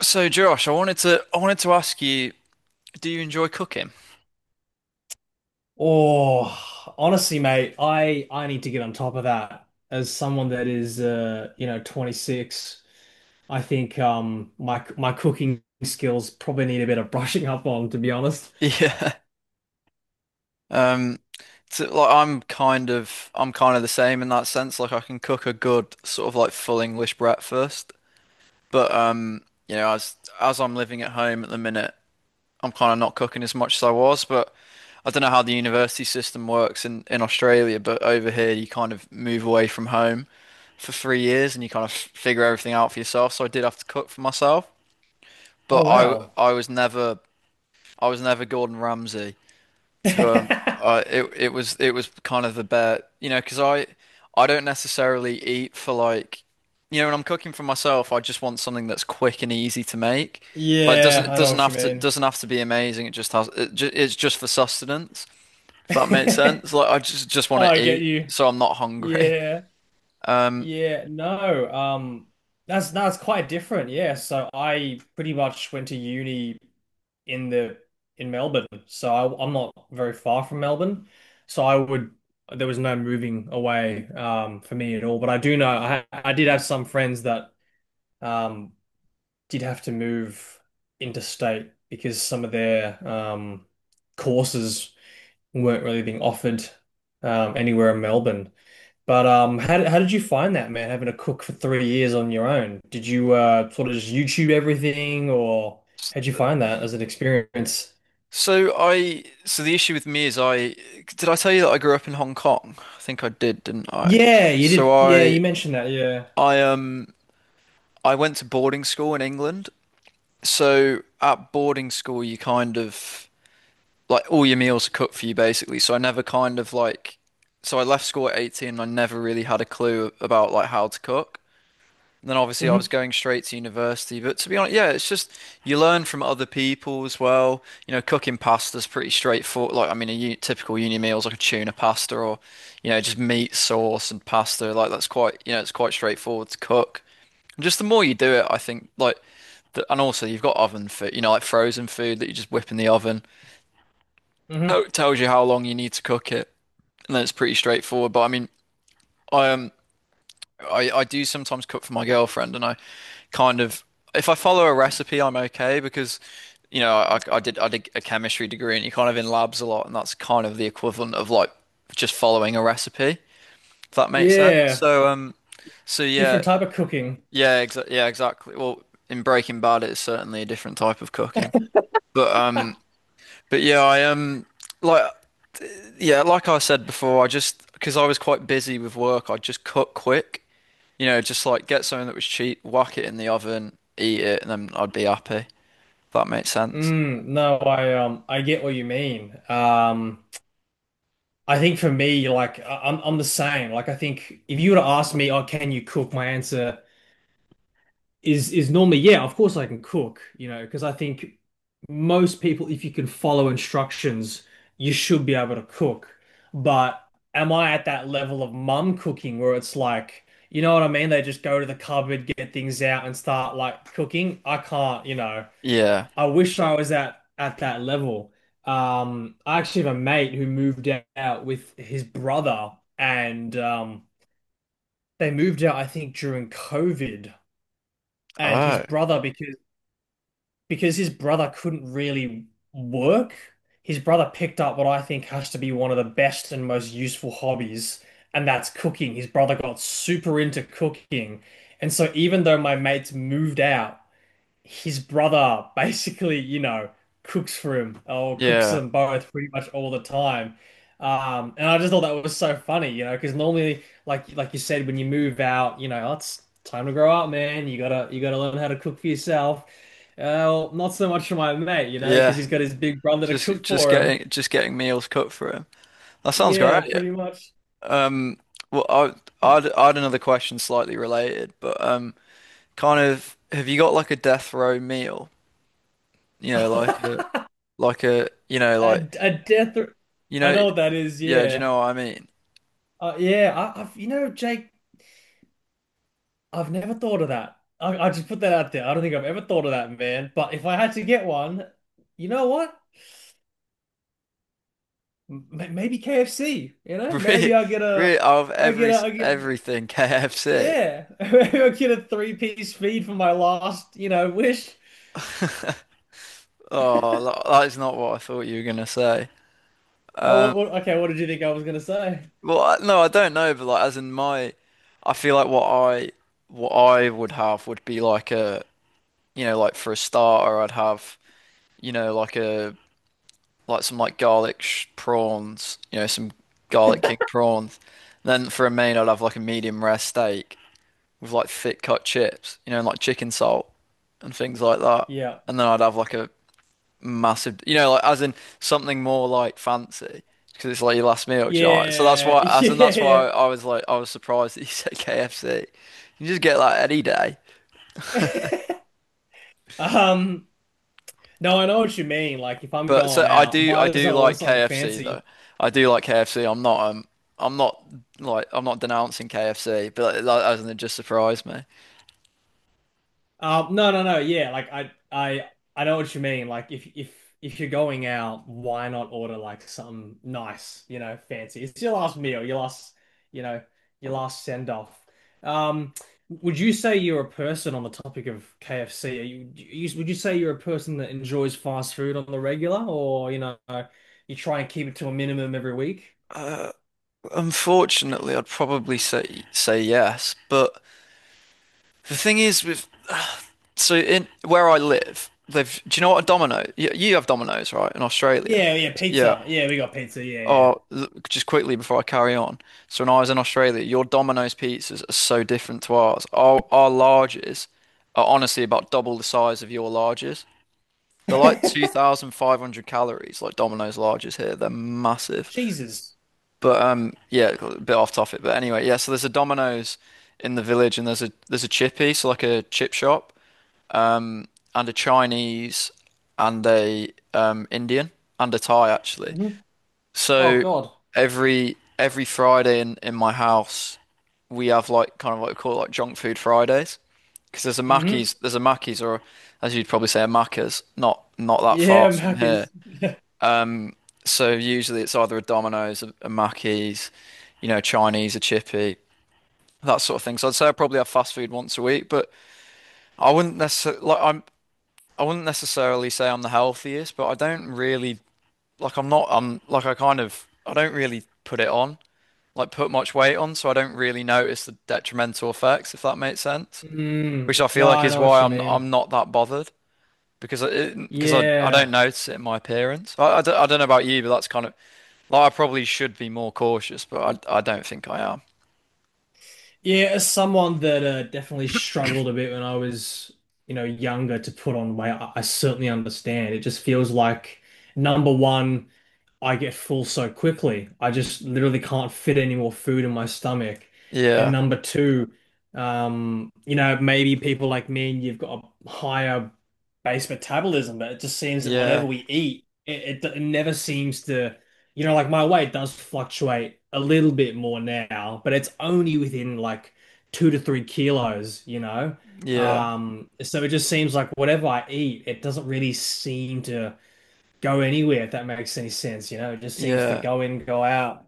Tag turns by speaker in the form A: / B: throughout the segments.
A: So Josh, I wanted to ask you, do you enjoy cooking?
B: Oh, honestly, mate, I need to get on top of that. As someone that is, you know, 26, I think my cooking skills probably need a bit of brushing up on, to be honest.
A: Yeah. Um, I'm kind of the same in that sense. Like I can cook a good sort of like full English breakfast, but you know, as I'm living at home at the minute, I'm kind of not cooking as much as I was. But I don't know how the university system works in Australia, but over here you kind of move away from home for 3 years and you kind of figure everything out for yourself. So I did have to cook for myself, but
B: Oh
A: I
B: wow.
A: I was never I was never Gordon Ramsay to I it it was kind of the bet, you know, 'cause I don't necessarily eat for like you know, when I'm cooking for myself, I just want something that's quick and easy to make. Like doesn't
B: Yeah,
A: it
B: I know
A: doesn't
B: what you
A: have to
B: mean.
A: be amazing. It just has it ju it's just for sustenance, if that makes sense. Like I just want
B: I
A: to
B: get
A: eat
B: you.
A: so I'm not hungry.
B: Yeah.
A: Um
B: Yeah, no. That's quite different. Yeah, so I pretty much went to uni in the in Melbourne, so I, I'm not very far from Melbourne. So I would there was no moving away for me at all. But I do know I did have some friends that um did have to move interstate because some of their courses weren't really being offered anywhere in Melbourne. But how did you find that, man, having to cook for 3 years on your own? Did you sort of just YouTube everything, or how'd you find that as an experience?
A: so the issue with me is I did I tell you that I grew up in Hong Kong? I think I did, didn't I?
B: Yeah, you
A: So
B: did. Yeah,
A: I
B: you mentioned that. Yeah.
A: I um I went to boarding school in England. So at boarding school you kind of like all your meals are cooked for you basically. So I never kind of like so I left school at 18 and I never really had a clue about like how to cook. And then obviously I was
B: Hmm.
A: going straight to university, but to be honest, yeah, it's just you learn from other people as well. You know, cooking pasta's pretty straightforward. Like I mean a u typical uni meal is like a tuna pasta or you know just meat sauce and pasta. Like that's quite you know it's quite straightforward to cook. And just the more you do it, I think like and also you've got oven food, you know, like frozen food that you just whip in the oven. So
B: Hmm.
A: it tells you how long you need to cook it, and then it's pretty straightforward. But I mean, I um I do sometimes cook for my girlfriend, and I kind of if I follow a recipe, I'm okay because you know I did a chemistry degree, and you're kind of in labs a lot, and that's kind of the equivalent of like just following a recipe, if that makes sense.
B: Yeah.
A: So yeah.
B: Different type of cooking.
A: Yeah, exa yeah, exactly. Well, in Breaking Bad, it's certainly a different type of cooking. But um, but yeah, I like yeah, like I said before, I just because I was quite busy with work, I just cook quick. You know, just like get something that was cheap, whack it in the oven, eat it, and then I'd be happy. If that makes sense.
B: Mm, no, I get what you mean. I think for me, like I'm the same. Like I think if you were to ask me, oh, can you cook? My answer is normally, yeah, of course I can cook, you know, because I think most people, if you can follow instructions, you should be able to cook. But am I at that level of mum cooking where it's like, you know what I mean? They just go to the cupboard, get things out, and start like cooking. I can't, you know.
A: Yeah.
B: I wish I was at that level. I actually have a mate who moved out with his brother, and they moved out, I think, during COVID. And his
A: Oh.
B: brother, because his brother couldn't really work, his brother picked up what I think has to be one of the best and most useful hobbies, and that's cooking. His brother got super into cooking. And so even though my mates moved out, his brother basically, you know, cooks for him or cooks
A: Yeah.
B: them both pretty much all the time. And I just thought that was so funny, you know, because normally, like you said, when you move out, you know, "Oh, it's time to grow up, man. You gotta learn how to cook for yourself." Well, not so much for my mate, you know, because
A: Yeah.
B: he's got his big brother to cook for him.
A: Just getting meals cooked for him. That sounds great.
B: Yeah, pretty much.
A: Um. Well, I'd another question slightly related, but kind of have you got like a death row meal? You know,
B: A,
A: like a you know like
B: a death.
A: you
B: I
A: know
B: know what that is.
A: yeah. Do you
B: Yeah.
A: know what I mean?
B: Yeah. I've, you know, Jake. I've never thought of that. I just put that out there. I don't think I've ever thought of that, man. But if I had to get one, you know what? Maybe KFC. You know,
A: Really,
B: maybe I'll get a,
A: really out of
B: I'll
A: every
B: get a, I'll get,
A: everything KFC.
B: yeah, maybe I'll get a three-piece feed for my last, you know, wish.
A: Oh, that is not what I thought you were gonna say.
B: Oh,
A: Um,
B: okay. What did you think I was gonna say?
A: well, I- no, I don't know, but like as in I feel like what I would have would be like a you know like for a starter I'd have you know like a like some like garlic sh prawns, you know, some garlic king prawns. And then for a main, I'd have like a medium rare steak with like thick cut chips, you know, and like chicken salt and things like that.
B: Yeah,
A: And then I'd have like a massive, you know, like as in something more like fancy because it's like your last meal, do you know? So that's
B: yeah,
A: why, as in that's why
B: yeah.
A: I was like, I was surprised that you said KFC. You just get that any day.
B: Um, no, I know what you mean. Like, if I'm
A: But
B: going out,
A: I
B: might as
A: do
B: well order
A: like
B: something
A: KFC though.
B: fancy.
A: I do like KFC. I'm not like I'm not denouncing KFC, but it, like, as in it just surprised me.
B: No, no, no. Yeah, like I know what you mean. Like if if you're going out, why not order like something nice, you know, fancy? It's your last meal, your last, you know, your last send off. Um, would you say you're a person on the topic of KFC? Are would you say you're a person that enjoys fast food on the regular, or you know, you try and keep it to a minimum every week?
A: Uh, unfortunately, I'd probably say yes, but the thing is with so in where I live, they've do you know what a Domino? You have Domino's, right, in Australia?
B: Yeah, yeah,
A: Yeah.
B: pizza. Yeah, we got pizza. Yeah,
A: Oh, just quickly before I carry on. So when I was in Australia, your Domino's pizzas are so different to ours. Our larges are honestly about double the size of your larges. They're like
B: yeah.
A: 2,500 calories, like Domino's larges here. They're massive.
B: Cheeses.
A: But yeah, a bit off topic. But anyway, yeah. So there's a Domino's in the village, and there's a chippy, so like a chip shop, and a Chinese, and a Indian, and a Thai actually.
B: Hmm. Oh
A: So
B: God.
A: every Friday in my house, we have like kind of what we call like junk food Fridays. Because there's a
B: Mm-hmm.
A: Mackey's, or as you'd probably say, a Macca's, not that far
B: Yeah,
A: from
B: Mac
A: here.
B: is.
A: So usually it's either a Domino's, a Mackey's, you know, Chinese, a chippy, that sort of thing. So I'd say I probably have fast food once a week, but I wouldn't necessarily like I'm I wouldn't necessarily say I'm the healthiest, but I don't really like I'm not I'm like I kind of I don't really put it on. Like put much weight on, so I don't really notice the detrimental effects, if that makes sense. Which
B: Mm,
A: I feel
B: no,
A: like
B: I
A: is
B: know what
A: why
B: you mean.
A: I'm not that bothered because I don't
B: Yeah.
A: notice it in my appearance. I don't know about you, but that's kind of like I probably should be more cautious, but I don't think I am.
B: Yeah, as someone that definitely struggled a bit when I was, you know, younger to put on weight, I certainly understand. It just feels like number one. I get full so quickly. I just literally can't fit any more food in my stomach. And
A: Yeah,
B: number two, you know, maybe people like me and you've got a higher base metabolism, but it just seems that whatever
A: yeah,
B: we eat, it never seems to, you know, like my weight does fluctuate a little bit more now, but it's only within like 2 to 3 kilos, you know?
A: yeah,
B: So it just seems like whatever I eat, it doesn't really seem to go anywhere, if that makes any sense. You know, it just seems to
A: yeah.
B: go in, go out.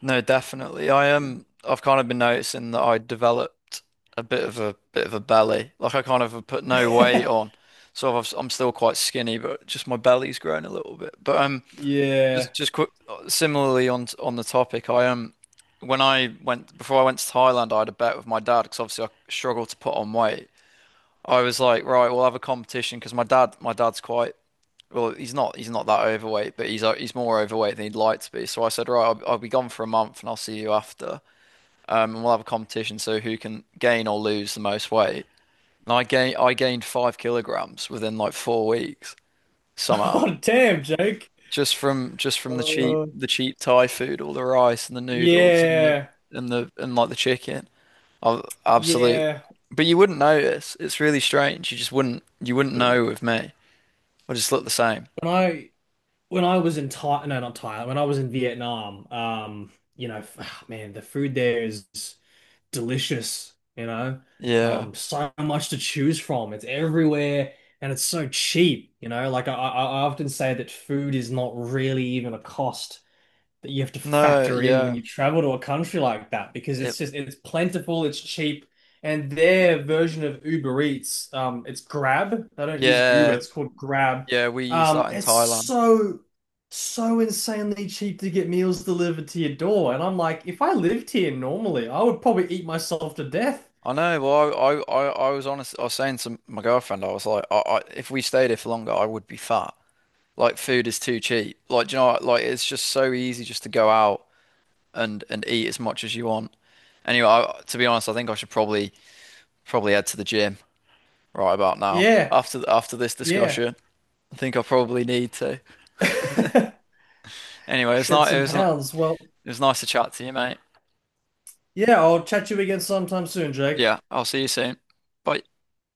A: No, definitely. I've kind of been noticing that I developed a bit of a belly. Like I kind of have put no weight on. I'm still quite skinny, but just my belly's grown a little bit. But
B: Yeah.
A: just quick similarly on the topic, I when I went before I went to Thailand, I had a bet with my dad because obviously I struggled to put on weight. I was like, right, we'll have a competition because my dad's quite well, he's not that overweight, but he's more overweight than he'd like to be. So I said, right, I'll be gone for a month, and I'll see you after. And we'll have a competition, so who can gain or lose the most weight. And I gained 5 kilograms within like 4 weeks somehow,
B: Oh, damn, Jake.
A: just from
B: Uh,
A: the cheap Thai food, all the rice and the noodles
B: yeah,
A: and like the chicken. I absolutely,
B: yeah.
A: but you wouldn't notice. It's really strange. You just wouldn't know with me. I just look the same.
B: When I when I was in Thailand, no, not Thailand. When I was in Vietnam, you know, ah, man, the food there is delicious. You know,
A: Yeah.
B: so much to choose from. It's everywhere, and it's so cheap. You know, like I often say that food is not really even a cost that you have to
A: No,
B: factor in when
A: yeah.
B: you travel to a country like that because it's
A: It
B: just it's plentiful, it's cheap, and their version of Uber Eats, it's Grab. They don't use Uber,
A: yeah,
B: it's called Grab.
A: yeah, we used that in
B: It's
A: Thailand.
B: so so insanely cheap to get meals delivered to your door, and I'm like, if I lived here normally, I would probably eat myself to death.
A: I know. Well, I was honest. I was saying to my girlfriend, I was like, if we stayed here for longer, I would be fat. Like, food is too cheap. Like, do you know, what? Like it's just so easy just to go out and eat as much as you want. Anyway, to be honest, I think I should probably head to the gym right about now.
B: Yeah,
A: After this
B: yeah.
A: discussion, I think I probably need to. Anyway, it's
B: Shed
A: not. It
B: some
A: was not.
B: pounds. Well,
A: It was nice to chat to you, mate.
B: yeah, I'll chat to you again sometime soon, Jake.
A: Yeah, I'll see you soon. Bye.